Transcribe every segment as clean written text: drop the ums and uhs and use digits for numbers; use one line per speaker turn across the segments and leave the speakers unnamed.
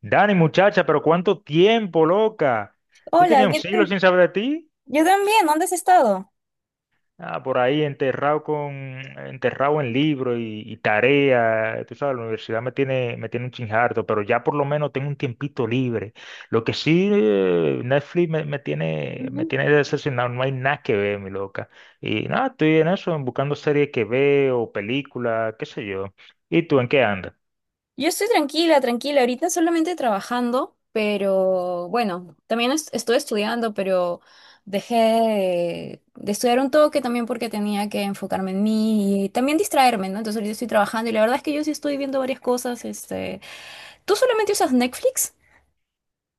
Dani, muchacha, pero cuánto tiempo, loca. Yo
Hola,
tenía un
¿qué
siglo
tal?
sin saber de ti.
Yo también, ¿dónde has estado?
Ah, por ahí enterrado en libros y tarea. Tú sabes, la universidad me tiene un chinjardo, pero ya por lo menos tengo un tiempito libre. Lo que sí, Netflix me, me tiene, me
Ujú.
tiene decepcionado. No hay nada que ver, mi loca. Y nada, estoy en eso, buscando series que veo, películas, qué sé yo. ¿Y tú en qué andas?
Yo estoy tranquila, tranquila. Ahorita solamente trabajando, pero bueno, también estoy estudiando, pero dejé de estudiar un toque también porque tenía que enfocarme en mí y también distraerme, ¿no? Entonces ahorita estoy trabajando y la verdad es que yo sí estoy viendo varias cosas. Este, ¿tú solamente usas Netflix?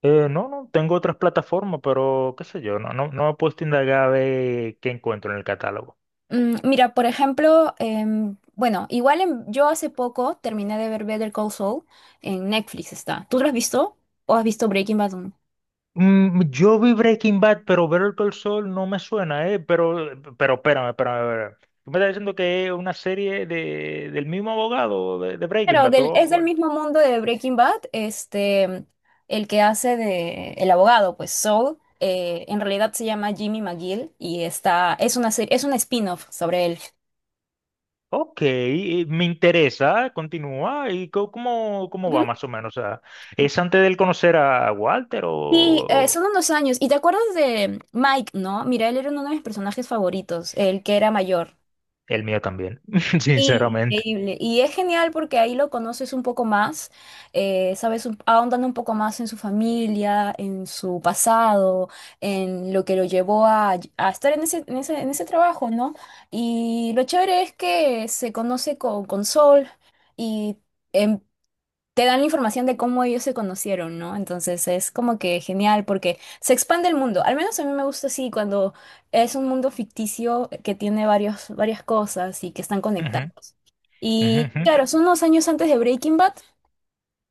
No, no, tengo otras plataformas, pero qué sé yo, no, no, no me he puesto a indagar a ver qué encuentro en el catálogo.
Mira, por ejemplo, bueno, igual yo hace poco terminé de ver Better Call Saul en Netflix está. ¿Tú lo has visto o has visto Breaking Bad?
Yo vi Breaking Bad, pero Better Call Saul no me suena, ¿eh? Pero espérame, espérame, espérame. Tú me estás diciendo que es una serie del mismo abogado de Breaking
Pero
Bad.
es del mismo mundo de Breaking Bad, este, el que hace de el abogado, pues Saul, en realidad se llama Jimmy McGill y está, es una serie, es un spin-off sobre él.
Ok, me interesa, continúa. ¿Y cómo va
Ujú.
más o menos? O sea, ¿es antes de él conocer a Walter o
Sí, son
o
unos años. ¿Y te acuerdas de Mike, no? Mira, él era uno de mis personajes favoritos, el que era mayor.
el mío también?
Sí,
Sinceramente.
increíble. Y es genial porque ahí lo conoces un poco más, sabes, ahondando un poco más en su familia, en su pasado, en lo que lo llevó a estar en ese trabajo, ¿no? Y lo chévere es que se conoce con Sol y em, te dan la información de cómo ellos se conocieron, ¿no? Entonces es como que genial porque se expande el mundo. Al menos a mí me gusta así cuando es un mundo ficticio, que tiene varias cosas y que están
Ujú,
conectados.
ujú,
Y
ujú.
claro, son unos años antes de Breaking Bad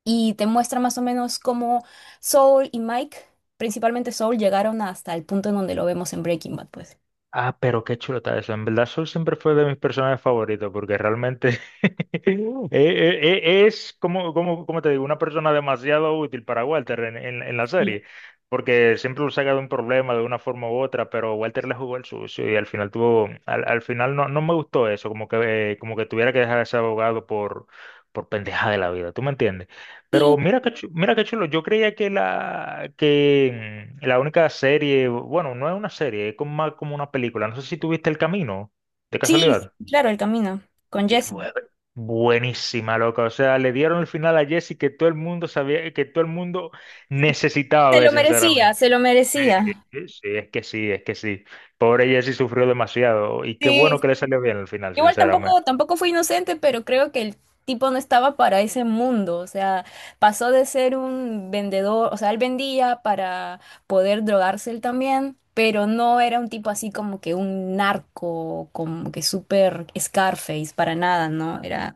y te muestra más o menos cómo Saul y Mike, principalmente Saul, llegaron hasta el punto en donde lo vemos en Breaking Bad, pues.
Ah, pero qué chulo está eso. En verdad, Sol siempre fue de mis personajes favoritos porque realmente. Es como te digo, una persona demasiado útil para Walter en la
Sí,
serie, porque siempre lo saca de un problema de una forma u otra, pero Walter le jugó el sucio y al final al final no me gustó eso, como que tuviera que dejar a ese abogado por pendeja de la vida, ¿tú me entiendes? Pero
sí,
mira qué chulo, yo creía que la única serie, bueno, no es una serie, es como más como una película, no sé si tuviste El Camino, de
sí,
casualidad.
claro, el camino con
Es
Jesse.
buenísima, loca. O sea, le dieron el final a Jesse que todo el mundo sabía, que todo el mundo necesitaba
Se
ver,
lo merecía,
sinceramente.
se lo merecía.
Sí, sí, es que sí, es que sí. Pobre Jesse sufrió demasiado. Y qué bueno
Sí,
que le salió bien al final,
igual
sinceramente.
tampoco fue inocente, pero creo que el tipo no estaba para ese mundo. O sea, pasó de ser un vendedor, o sea, él vendía para poder drogarse él también, pero no era un tipo así como que un narco, como que súper Scarface, para nada, ¿no? Era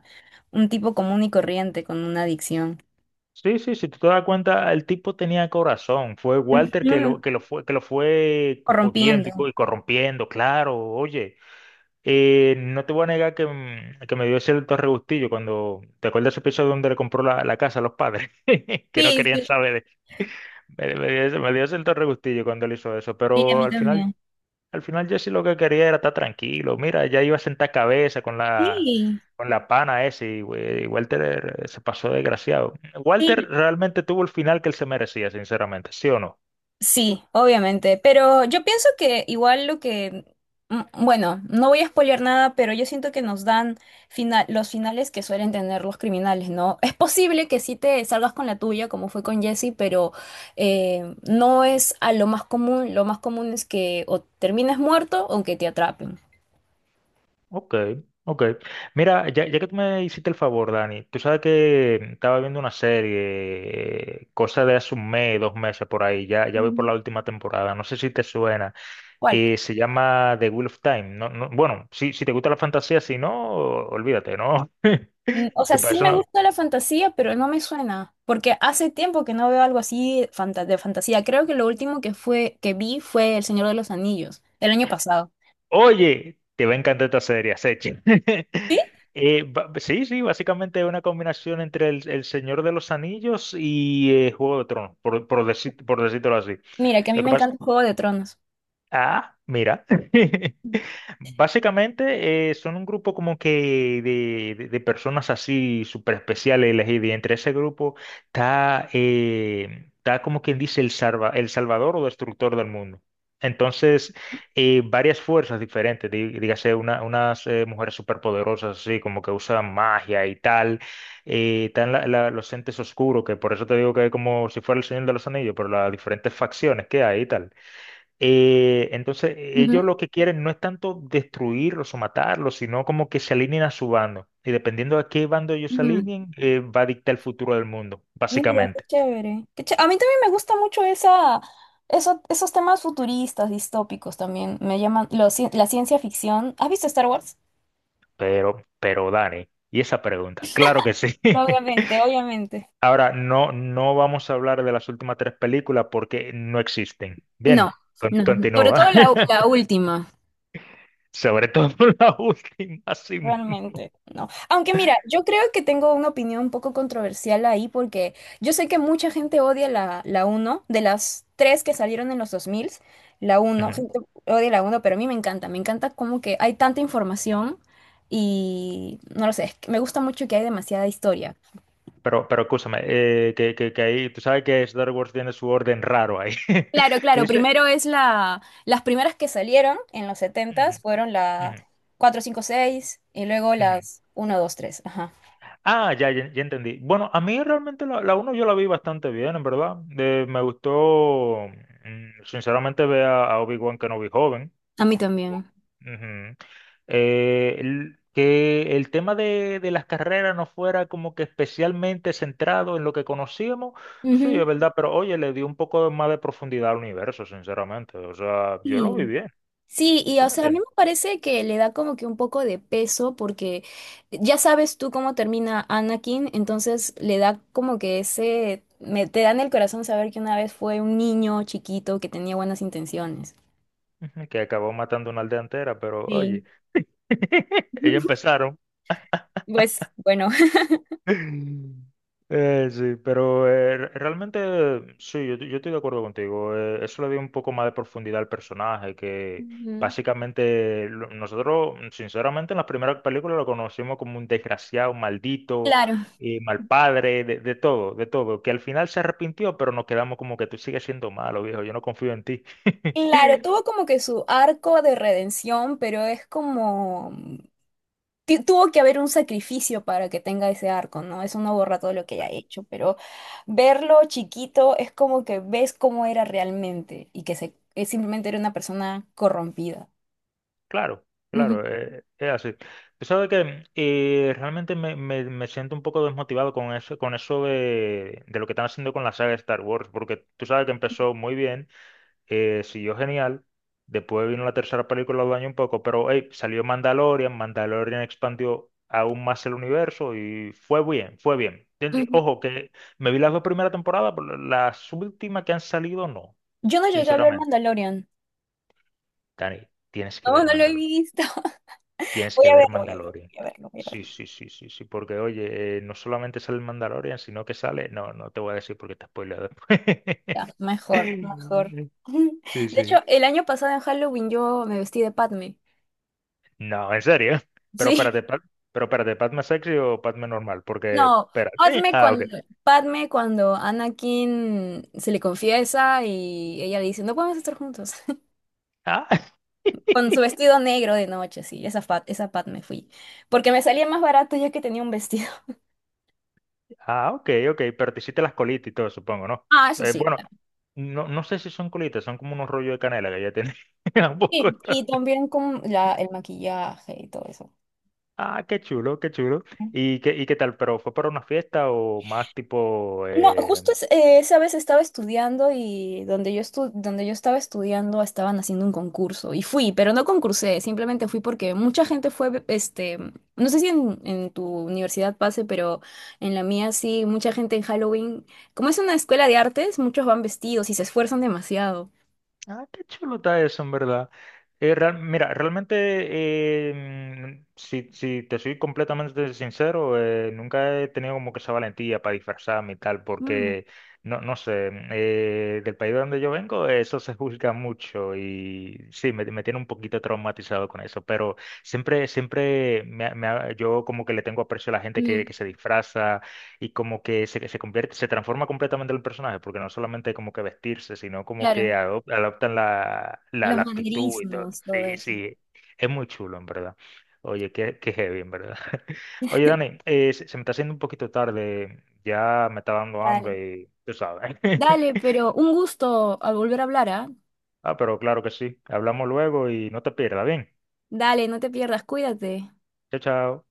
un tipo común y corriente con una adicción.
Sí, sí, si tú te das cuenta, el tipo tenía corazón. Fue Walter que lo,
Ujú.
que lo fue, que lo fue jodiendo
Corrompiendo.
y corrompiendo, claro. Oye, no te voy a negar que me dio cierto regustillo cuando te acuerdas ese episodio donde le compró la casa a los padres, que no
Sí,
querían
sí,
saber. Me dio cierto regustillo cuando él hizo eso,
sí, a
pero
mí
al final,
también.
al final Jesse lo que quería era estar tranquilo. Mira, ya iba a sentar cabeza con la,
Sí,
con la pana ese y Walter, se pasó desgraciado.
sí,
Walter realmente tuvo el final que él se merecía, sinceramente, ¿sí o no?
sí, obviamente, pero yo pienso que igual lo que, bueno, no voy a spoilear nada, pero yo siento que nos dan los finales que suelen tener los criminales, ¿no? Es posible que sí te salgas con la tuya, como fue con Jesse, pero no es a lo más común. Lo más común es que o termines muerto o que te atrapen.
Ok, ok. Mira, ya que tú me hiciste el favor, Dani, tú sabes que estaba viendo una serie, cosa de hace un mes, dos meses por ahí, ya voy por
Ujú.
la última temporada, no sé si te suena,
¿Cuál?
se llama The Wheel of Time, bueno, si te gusta la fantasía, si no, olvídate, ¿no?
O sea,
Que para
sí
eso
me gusta la fantasía, pero no me suena, porque hace tiempo que no veo algo así de fantasía. Creo que lo último que fue que vi fue El Señor de los Anillos, el año pasado.
Oye, te va a encantar esta serie, Sechi.
¿Sí?
Sí, sí, básicamente es una combinación entre el Señor de los Anillos y, Juego de Tronos, por decírtelo así.
Mira, que a mí me encanta el Juego de Tronos.
Ah, mira. Básicamente, son un grupo como que de personas así súper especiales elegidas. Y entre ese grupo está como quien dice el, el salvador o destructor del mundo. Entonces, varias fuerzas diferentes, dígase unas, mujeres superpoderosas así, como que usan magia y tal. Están los entes oscuros, que por eso te digo que es como si fuera el Señor de los Anillos, pero las diferentes facciones que hay y tal. Entonces, ellos
Ujú.
lo que quieren no es tanto destruirlos o matarlos, sino como que se alineen a su bando. Y dependiendo a qué bando ellos se
Mm.
alineen, va a dictar el futuro del mundo,
Mira, qué
básicamente.
chévere. A mí también me gusta mucho esos temas futuristas, distópicos también. Me llaman la ciencia ficción. ¿Has visto Star Wars?
Pero Dani, ¿y esa pregunta? Claro que sí.
Obviamente, obviamente.
Ahora, no vamos a hablar de las últimas tres películas porque no existen.
No,
Bien,
no, no. Sobre todo
continúa.
la última.
Sobre todo la última, sí.
Realmente, no. Aunque mira, yo creo que tengo una opinión un poco controversial ahí porque yo sé que mucha gente odia la uno de las tres que salieron en los 2000, la uno
Ujú.
gente odia la uno pero a mí me encanta como que hay tanta información y no lo sé, es que me gusta mucho que hay demasiada historia.
Pero escúchame, que ahí, tú sabes que Star Wars tiene su orden raro ahí.
Claro,
Tú
claro,
dices:
primero es las primeras que salieron en los
"Ujú,
setentas fueron la
ujú,
4 5 6 y luego
ujú".
las uno dos tres, ajá.
Ah, ya, ya, ya entendí. Bueno, a mí realmente la 1 yo la vi bastante bien, en verdad. Me gustó, sinceramente, ver a Obi-Wan Kenobi joven.
A mí también.
Ujú. Que el tema de las carreras no fuera como que especialmente centrado en lo que conocíamos, sí,
Ujú.
es verdad, pero oye, le dio un poco más de profundidad al universo, sinceramente. O sea, yo lo vi
Sí.
bien.
Sí, y
¿Tú
o
me
sea, a mí
entiendes?
me parece que le da como que un poco de peso porque ya sabes tú cómo termina Anakin, entonces le da como que ese, me, te da en el corazón saber que una vez fue un niño chiquito que tenía buenas intenciones.
Ujú. Que acabó matando una aldea entera, pero
Sí.
oye, ellos empezaron.
Pues bueno,
Sí, pero realmente sí, yo estoy de acuerdo contigo. Eso le dio un poco más de profundidad al personaje, que
Ujú.
básicamente nosotros, sinceramente, en las primeras películas lo conocimos como un desgraciado, un maldito,
Claro,
mal padre, de todo, que al final se arrepintió, pero nos quedamos como que tú sigues siendo malo, viejo, yo no confío en ti.
claro, tuvo como que su arco de redención, pero es como tuvo que haber un sacrificio para que tenga ese arco, ¿no? Eso no borra todo lo que haya hecho, pero verlo chiquito es como que ves cómo era realmente y que se, que simplemente era una persona corrompida.
Claro,
Ujú,
claro, es así. Tú sabes que, realmente me siento un poco desmotivado con eso, de lo que están haciendo con la saga de Star Wars, porque tú sabes que empezó muy bien, siguió genial, después vino la tercera película, lo dañó un poco, pero hey, salió Mandalorian. Mandalorian expandió aún más el universo y fue bien, fue bien.
ujú.
Ojo, que me vi las dos primeras temporadas, pero las últimas que han salido no,
Yo no llegué a ver
sinceramente.
Mandalorian.
Dani, tienes que
No,
ver
no lo he
Mandalorian.
visto.
Tienes
Voy
que
a
ver
verlo, voy a verlo,
Mandalorian.
voy a verlo, voy a
Sí,
verlo.
sí, sí, sí, sí, porque oye, no solamente sale el Mandalorian, sino que sale, no te voy a decir porque te spoileo después.
Ya, mejor, mejor.
Sí,
De hecho,
sí.
el año pasado en Halloween yo me vestí de Padme.
No, en serio. Pero
Sí.
espérate, pero espérate, ¿Padme sexy o Padme normal? Porque,
No,
espérate.
Padme
Ah,
cuando,
ok.
Padme cuando Anakin se le confiesa y ella le dice, no podemos estar juntos.
Ah,
Con su vestido negro de noche, sí, esa Padme fui. Porque me salía más barato ya que tenía un vestido.
ah, ok, ok, pero te hiciste las colitas y todo, supongo, ¿no?
Ah, eso sí,
Bueno,
claro.
no sé si son colitas, son como unos rollos de canela que ya tenía un poco.
Sí, y también con el maquillaje y todo eso.
Ah, qué chulo, qué chulo. ¿Y qué tal? ¿Pero fue para una fiesta o más tipo...
No,
eh,
justo esa vez estaba estudiando y donde yo donde yo estaba estudiando estaban haciendo un concurso y fui, pero no concursé, simplemente fui porque mucha gente fue, este, no sé si en tu universidad pase, pero en la mía sí, mucha gente en Halloween, como es una escuela de artes, muchos van vestidos y se esfuerzan demasiado.
Ah, qué chulo está eso, en verdad. Mira, realmente, si te soy completamente sincero, nunca he tenido como que esa valentía para disfrazarme y tal,
Mm,
porque, no sé, del país de donde yo vengo, eso se juzga mucho y sí, me tiene un poquito traumatizado con eso, pero siempre, siempre yo como que le tengo aprecio a la gente que,
mm,
que se disfraza y como que se convierte, se transforma completamente el personaje, porque no solamente como que vestirse, sino como que
claro.
adoptan la, la,
Los
la actitud y todo.
manierismos, todo
Sí,
eso.
sí, es muy chulo, en verdad. Oye, qué heavy, en verdad. Oye, Dani, se me está haciendo un poquito tarde, ya me está dando
Dale.
hambre y tú sabes.
Dale, pero un gusto al volver a hablar, ¿ah?
Ah, pero claro que sí. Hablamos luego y no te pierdas, ¿bien?
Dale, no te pierdas, cuídate.
Chao, chao.